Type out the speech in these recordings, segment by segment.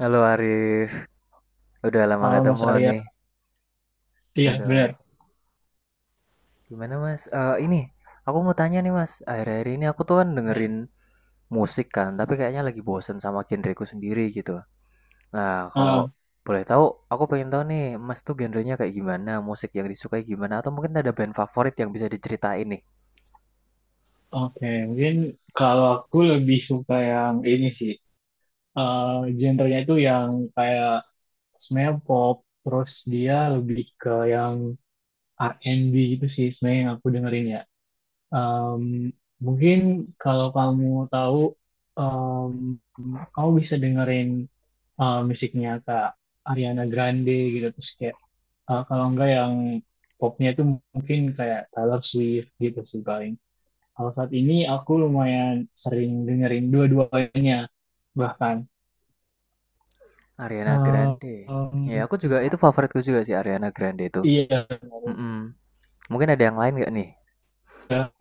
Halo Arif, udah lama Kalau nggak Mas temu Arya, nih. iya benar. Aduh, gimana Mas? Eh ini, aku mau tanya nih Mas. Akhir-akhir ini aku tuh kan Benar. dengerin musik kan, tapi kayaknya lagi bosen sama genreku sendiri gitu. Nah, kalau Ah, boleh tahu, aku pengen tahu nih, Mas tuh genrenya kayak gimana, musik yang disukai gimana, atau mungkin ada band favorit yang bisa diceritain nih. Oke, Mungkin kalau aku lebih suka yang ini sih. Genrenya itu yang kayak sebenarnya pop, terus dia lebih ke yang R&B gitu sih sebenarnya yang aku dengerin ya. Em, Mungkin kalau kamu tahu, em, kamu bisa dengerin musiknya Kak Ariana Grande gitu. Terus kayak, kalau enggak yang popnya itu mungkin kayak Taylor Swift gitu sih paling. Kalau saat ini aku lumayan sering dengerin dua-duanya bahkan. Ariana Eh, Grande. Ya, em, aku juga itu favoritku juga sih Ariana Grande itu. iya, Mm-mm. Mungkin ada yang lain nggak nih? ya,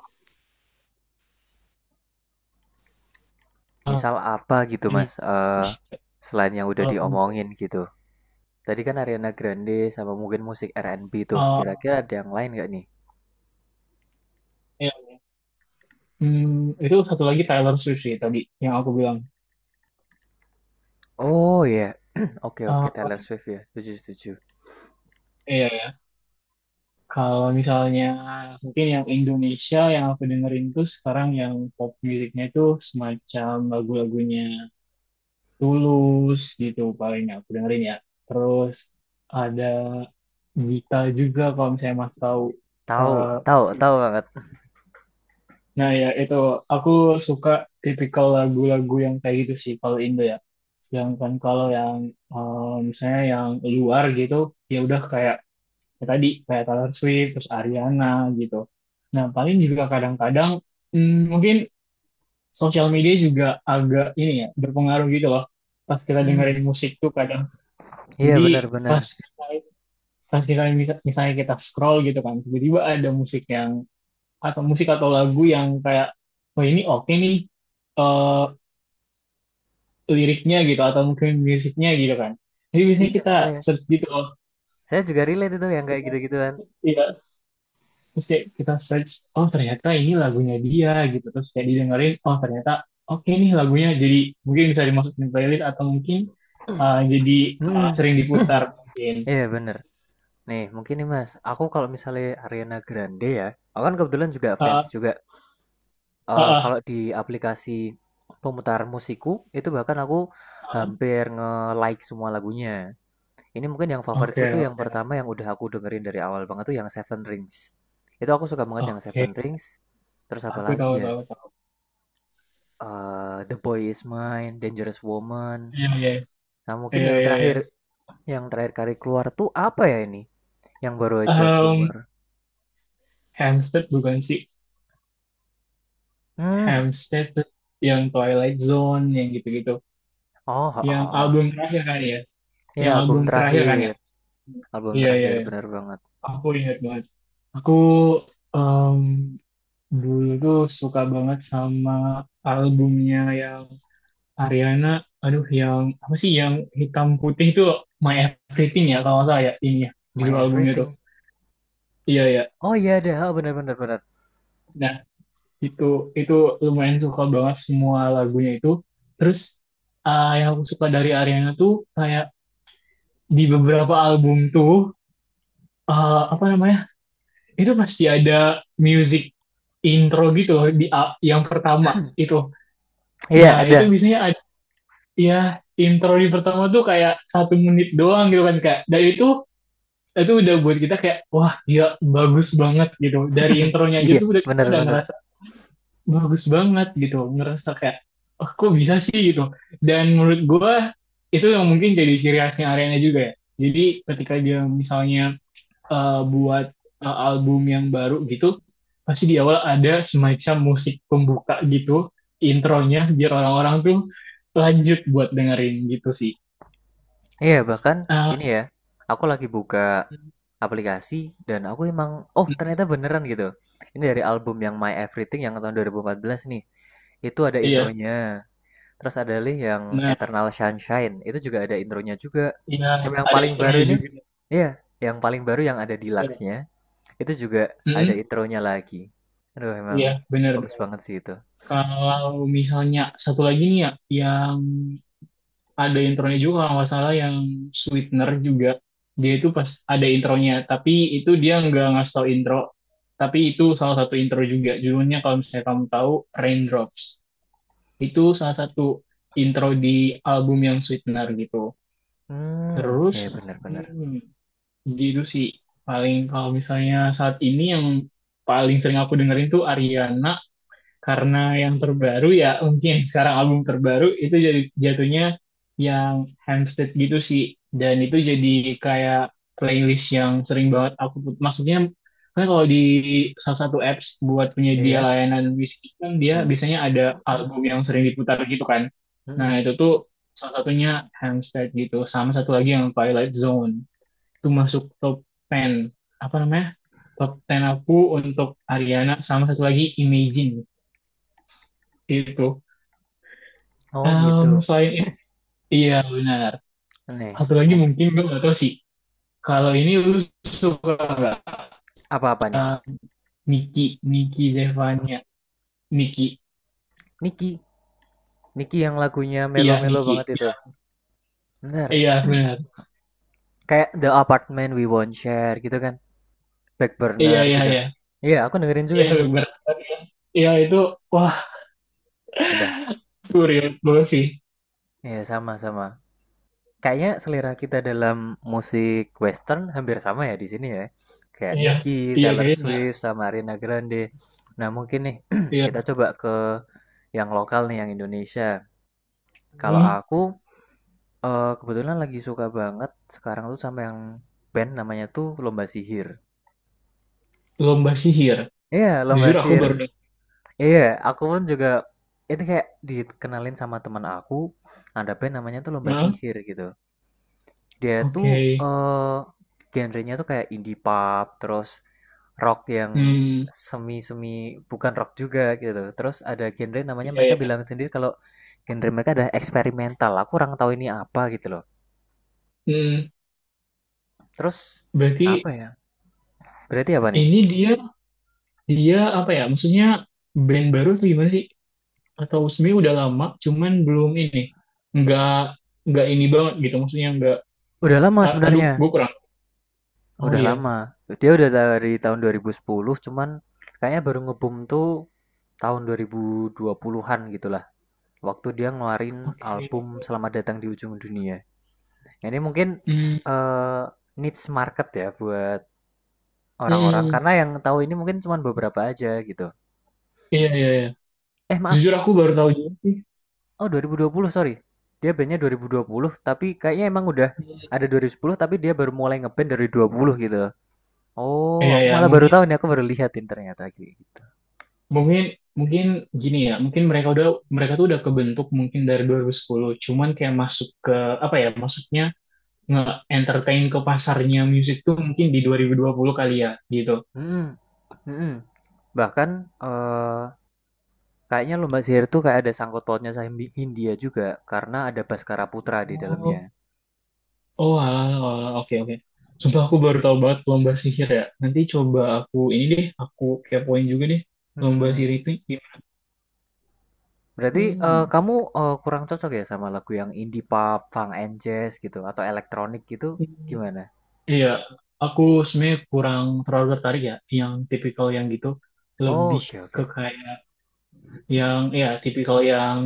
eh, Misal apa gitu ini, Mas? Selain yang udah em, diomongin gitu. Tadi kan Ariana Grande sama mungkin musik R&B tuh. eh, Kira-kira ada yang lain nggak nih? ya, hmm, Itu satu lagi Taylor Swift sih tadi yang aku bilang. Oh ya, oke oke Eh, Taylor paling- Swift ya. Setuju setuju. iya ya. Kalau misalnya mungkin yang Indonesia yang aku dengerin tuh sekarang yang pop musiknya itu semacam lagu-lagunya Tulus gitu paling aku dengerin ya. Terus ada Gita juga kalau misalnya Mas tahu. Tahu Eh, tahu tahu banget. nah ya itu aku suka tipikal lagu-lagu yang kayak gitu sih kalau Indo ya. Sedangkan kalau yang misalnya yang luar gitu ya udah kayak ya tadi kayak Taylor Swift terus Ariana gitu. Nah paling juga kadang-kadang mungkin sosial media juga agak ini ya berpengaruh gitu loh. Pas kita dengerin Mm, musik tuh kadang. iya Jadi benar-benar. pas kita, pas kita misalnya kita scroll gitu kan, tiba-tiba ada musik yang atau musik atau lagu yang kayak, oh ini oke nih, eh, liriknya gitu atau mungkin musiknya gitu kan. Jadi biasanya Iya kita saya search gitu, oh saya juga relate itu yang kayak gitu-gituan. iya, terus kayak kita search, oh ternyata ini lagunya dia gitu, terus kayak didengerin, oh ternyata oke nih lagunya, jadi mungkin bisa dimasukin playlist atau mungkin jadi Mm. sering diputar mungkin. Iya bener. Nih mungkin nih mas, aku kalau misalnya Ariana Grande ya, aku kan kebetulan juga Eh, fans juga. eh, eh, Kalau di aplikasi pemutar musikku itu bahkan aku eh. hampir nge-like semua lagunya. Ini mungkin yang favoritku Oke, tuh yang oke, pertama yang udah aku dengerin dari awal banget tuh yang Seven Rings. Itu aku suka banget yang oke. Seven Rings. Terus apa Aku lagi tahu ya? tahu tahu. The Boy Is Mine, Dangerous Woman. Iya iya Nah iya mungkin iya iya. Yang terakhir kali keluar tuh apa ya ini? Yang baru aja Em, keluar. Hampstead bukan sih. Hmm. Hampstead terus yang Twilight Zone yang gitu-gitu. Oh, oh. Oh. Yang Ha. album terakhir kan ya. Iya, Yang album album terakhir kan ya. terakhir. Album Iya iya terakhir, iya. bener banget. Aku ingat banget. Aku em, dulu tuh suka banget sama albumnya yang Ariana. Aduh yang apa sih yang hitam putih itu, My Everything ya kalau nggak salah ya ini ya My judul albumnya tuh. Everything. Iya iya. Oh iya ada, oh bener bener. Bener, bener. Nah Itu itu lumayan suka banget semua lagunya itu. Terus yang aku suka dari Ariana tuh kayak di beberapa album tuh apa namanya? Itu pasti ada music intro gitu loh di yang pertama itu. Iya Nah, ada. itu biasanya ada ya intro di pertama tuh kayak 1 menit doang gitu kan Kak. Dan itu udah buat kita kayak wah gila bagus banget gitu. Dari intronya aja Iya, tuh udah kita udah bener-bener. ngerasa bagus banget gitu, ngerasa kayak oh, kok bisa sih gitu, dan menurut gue itu yang mungkin jadi ciri khasnya Ariana juga ya, jadi ketika dia misalnya buat album yang baru gitu pasti di awal ada semacam musik pembuka gitu, intronya biar orang-orang tuh lanjut buat dengerin gitu sih. Iya, bahkan Ah, ini ya, aku lagi buka aplikasi dan aku emang, oh mm, ternyata beneran gitu. Ini dari album yang My Everything yang tahun 2014 nih. Itu ada iya intronya. Terus ada lih yang nah Eternal Sunshine, itu juga ada intronya juga. iya Sama yang ada paling baru intronya ini, juga. iya, yang paling baru yang ada Iya. deluxe-nya, itu juga ada mm intronya lagi. Aduh, emang Iya, benar. bagus banget sih itu. Kalau misalnya satu lagi nih ya, yang ada intronya juga kalau nggak salah yang Sweetener juga, dia itu pas ada intronya tapi itu dia nggak ngasih tau intro, tapi itu salah satu intro juga judulnya, kalau misalnya kamu tahu, Raindrops, itu salah satu intro di album yang Sweetener gitu. Hmm, Terus ya bener-bener. hmm, gitu sih paling kalau misalnya saat ini yang paling sering aku dengerin tuh Ariana, karena yang terbaru ya mungkin sekarang album terbaru itu jadi jatuhnya yang Hampstead gitu sih, dan itu jadi kayak playlist yang sering banget aku put, maksudnya kan kalau di salah satu apps buat penyedia Iya. layanan musik kan dia Hmm. biasanya ada album yang sering diputar gitu kan, nah Mm-mm. itu tuh salah satunya Hampstead gitu, sama satu lagi yang Twilight Zone, itu masuk top 10, apa namanya, top 10 aku untuk Ariana, sama satu lagi Imagine itu. Oh gitu. Selain itu, iya benar. Nih, Satu lagi mungkin mungkin gue gak tau sih. Kalau ini lu suka gak? apa-apa nih? Ya, Niki, Niki Zevania. Niki, Niki, Niki yang lagunya iya melo-melo Niki. banget itu. Bener, Iya benar. kayak The Apartment We Won't Share gitu kan, Back Iya, Burner iya, gitu. iya. Iya, aku dengerin juga Iya, ini. benar. Iya itu, wah, Udah, itu real banget sih. ya sama-sama. Kayaknya selera kita dalam musik western hampir sama ya di sini ya. Kayak Iya, Niki, iya Taylor kayaknya. Swift, sama Ariana Grande. Nah mungkin nih Iya. kita coba ke yang lokal nih, yang Indonesia. Kalau Hmm, aku kebetulan lagi suka banget sekarang tuh sama yang band namanya tuh Lomba Sihir. Lomba sihir. Iya, Lomba Jujur aku Sihir. baru dengar. Iya, aku pun juga itu kayak dikenalin sama teman aku, ada band namanya tuh Lomba Hah? Sihir gitu. Dia tuh Oke. eh genrenya tuh kayak indie pop, terus rock yang Hmm, semi-semi bukan rock juga gitu. Terus ada genre namanya iya, mereka iya. bilang sendiri kalau genre mereka ada eksperimental. Aku kurang tahu ini apa gitu loh. Hmm, Terus Berarti apa ya? Berarti apa nih? ini dia. Dia apa ya? Maksudnya band baru tuh gimana sih? Atau sebenarnya udah lama, cuman belum ini. Nggak nggak ini banget gitu. Maksudnya nggak. Udah lama Aduh, gue sebenarnya. kurang. Oh Udah iya. lama. Dia udah dari tahun 2010, cuman kayaknya baru ngebum tuh tahun 2020-an gitulah. Waktu dia ngeluarin Oke. album Selamat Datang di Ujung Dunia. Ini mungkin Hmm, eh, niche market ya buat orang-orang hmm. karena yang tahu ini mungkin cuman beberapa aja gitu. Iya iya iya. Eh maaf, Jujur aku baru tahu juga sih. oh 2020 sorry. Dia bandnya 2020 tapi kayaknya emang udah Hmm. ada 2010 tapi dia baru mulai ngeband dari 20 gitu. Oh, Iya aku iya. malah baru Mungkin tahu nih, aku baru lihatin ternyata gitu. mungkin mungkin gini ya. Mungkin mereka udah mereka tuh udah kebentuk mungkin dari 2010. Cuman kayak masuk ke apa ya? Maksudnya nge-entertain ke pasarnya musik tuh mungkin di 2020 kali ya gitu. Hmm, mhm. Bahkan, eee, kayaknya lomba sihir tuh kayak ada sangkut pautnya sama Hindia juga karena ada Baskara Putra di dalamnya. Oh, halal, halal. Oke, oke. Sumpah aku baru tahu banget lomba sihir ya. Nanti coba aku ini deh, aku kepoin juga deh Mhm lomba sihir mhm. itu gimana. Berarti, Hmm. kamu, kurang cocok ya sama lagu yang indie pop, funk and jazz gitu atau elektronik gitu Hmm. gimana? Iya, aku sebenarnya kurang terlalu tertarik ya yang tipikal yang gitu. Oh, Lebih oke ke oke. kayak yang ya tipikal yang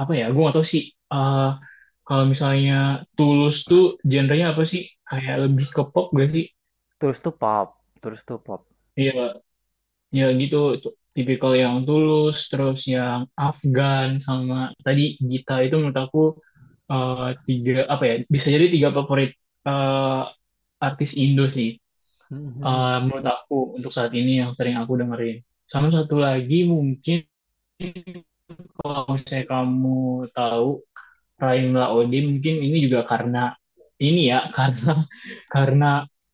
apa ya? Gue gak tahu sih. eh Kalau misalnya Tulus tuh genrenya apa sih? Kayak lebih ke pop gak sih? Terus tuh pop terus tuh pop. Iya, ya gitu, tipikal yang tulus terus yang Afgan sama tadi Gita, itu menurut aku eh, tiga apa ya, bisa jadi tiga favorit eh, artis Indo sih, Mhm mhm. menurut aku untuk saat ini yang sering aku dengerin, sama satu lagi mungkin kalau misalnya kamu tahu Prime Laode mungkin ini juga karena ini ya karena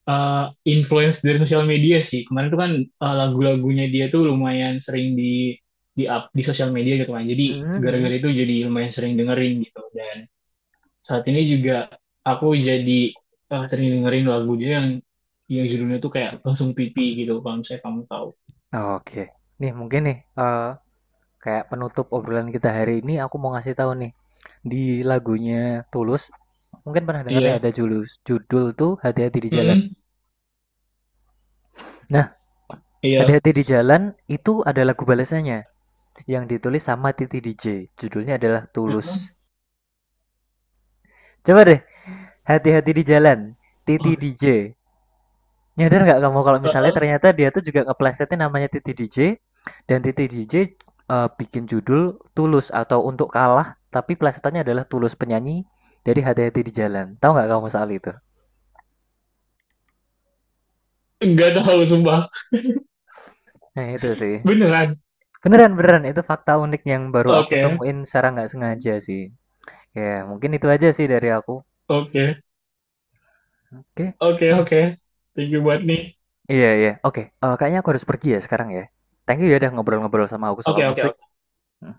eh, influence dari sosial media sih. Kemarin tuh kan lagu-lagunya dia tuh lumayan sering di up di sosial media gitu kan. Jadi Mhm gara-gara mhm. itu jadi lumayan sering dengerin gitu. Dan saat ini juga aku jadi sering dengerin lagu dia yang judulnya tuh kayak langsung pipi gitu kalau misalnya kamu tahu. Oke. Nih mungkin nih, kayak penutup obrolan kita hari ini aku mau ngasih tahu nih. Di lagunya Tulus mungkin pernah dengarnya Iya. ada judul tuh hati-hati di jalan. Mm-mm. Nah Iya. hati-hati di jalan itu ada lagu balasannya yang ditulis sama Titi DJ, judulnya adalah Mm-mm. Tulus. Coba deh hati-hati di jalan Titi Oke. DJ. Nyadar nggak kamu kalau Eh, misalnya eh. ternyata dia tuh juga keplesetnya namanya Titi DJ? Dan Titi DJ bikin judul Tulus atau Untuk Kalah tapi plesetannya adalah Tulus penyanyi dari hati-hati di jalan. Tahu nggak kamu soal itu? Nggak tahu sumpah. Nah itu sih. Beneran. Beneran beneran itu fakta unik yang baru aku Oke. temuin secara nggak sengaja sih. Ya mungkin itu aja sih dari aku. Oke. Oke. Oke, oke. Thank you buat nih. Iya iya. Oke. Eh, kayaknya aku harus pergi ya sekarang ya. Thank you ya udah ngobrol-ngobrol sama aku soal Oke, oke, musik. oke. Hmm.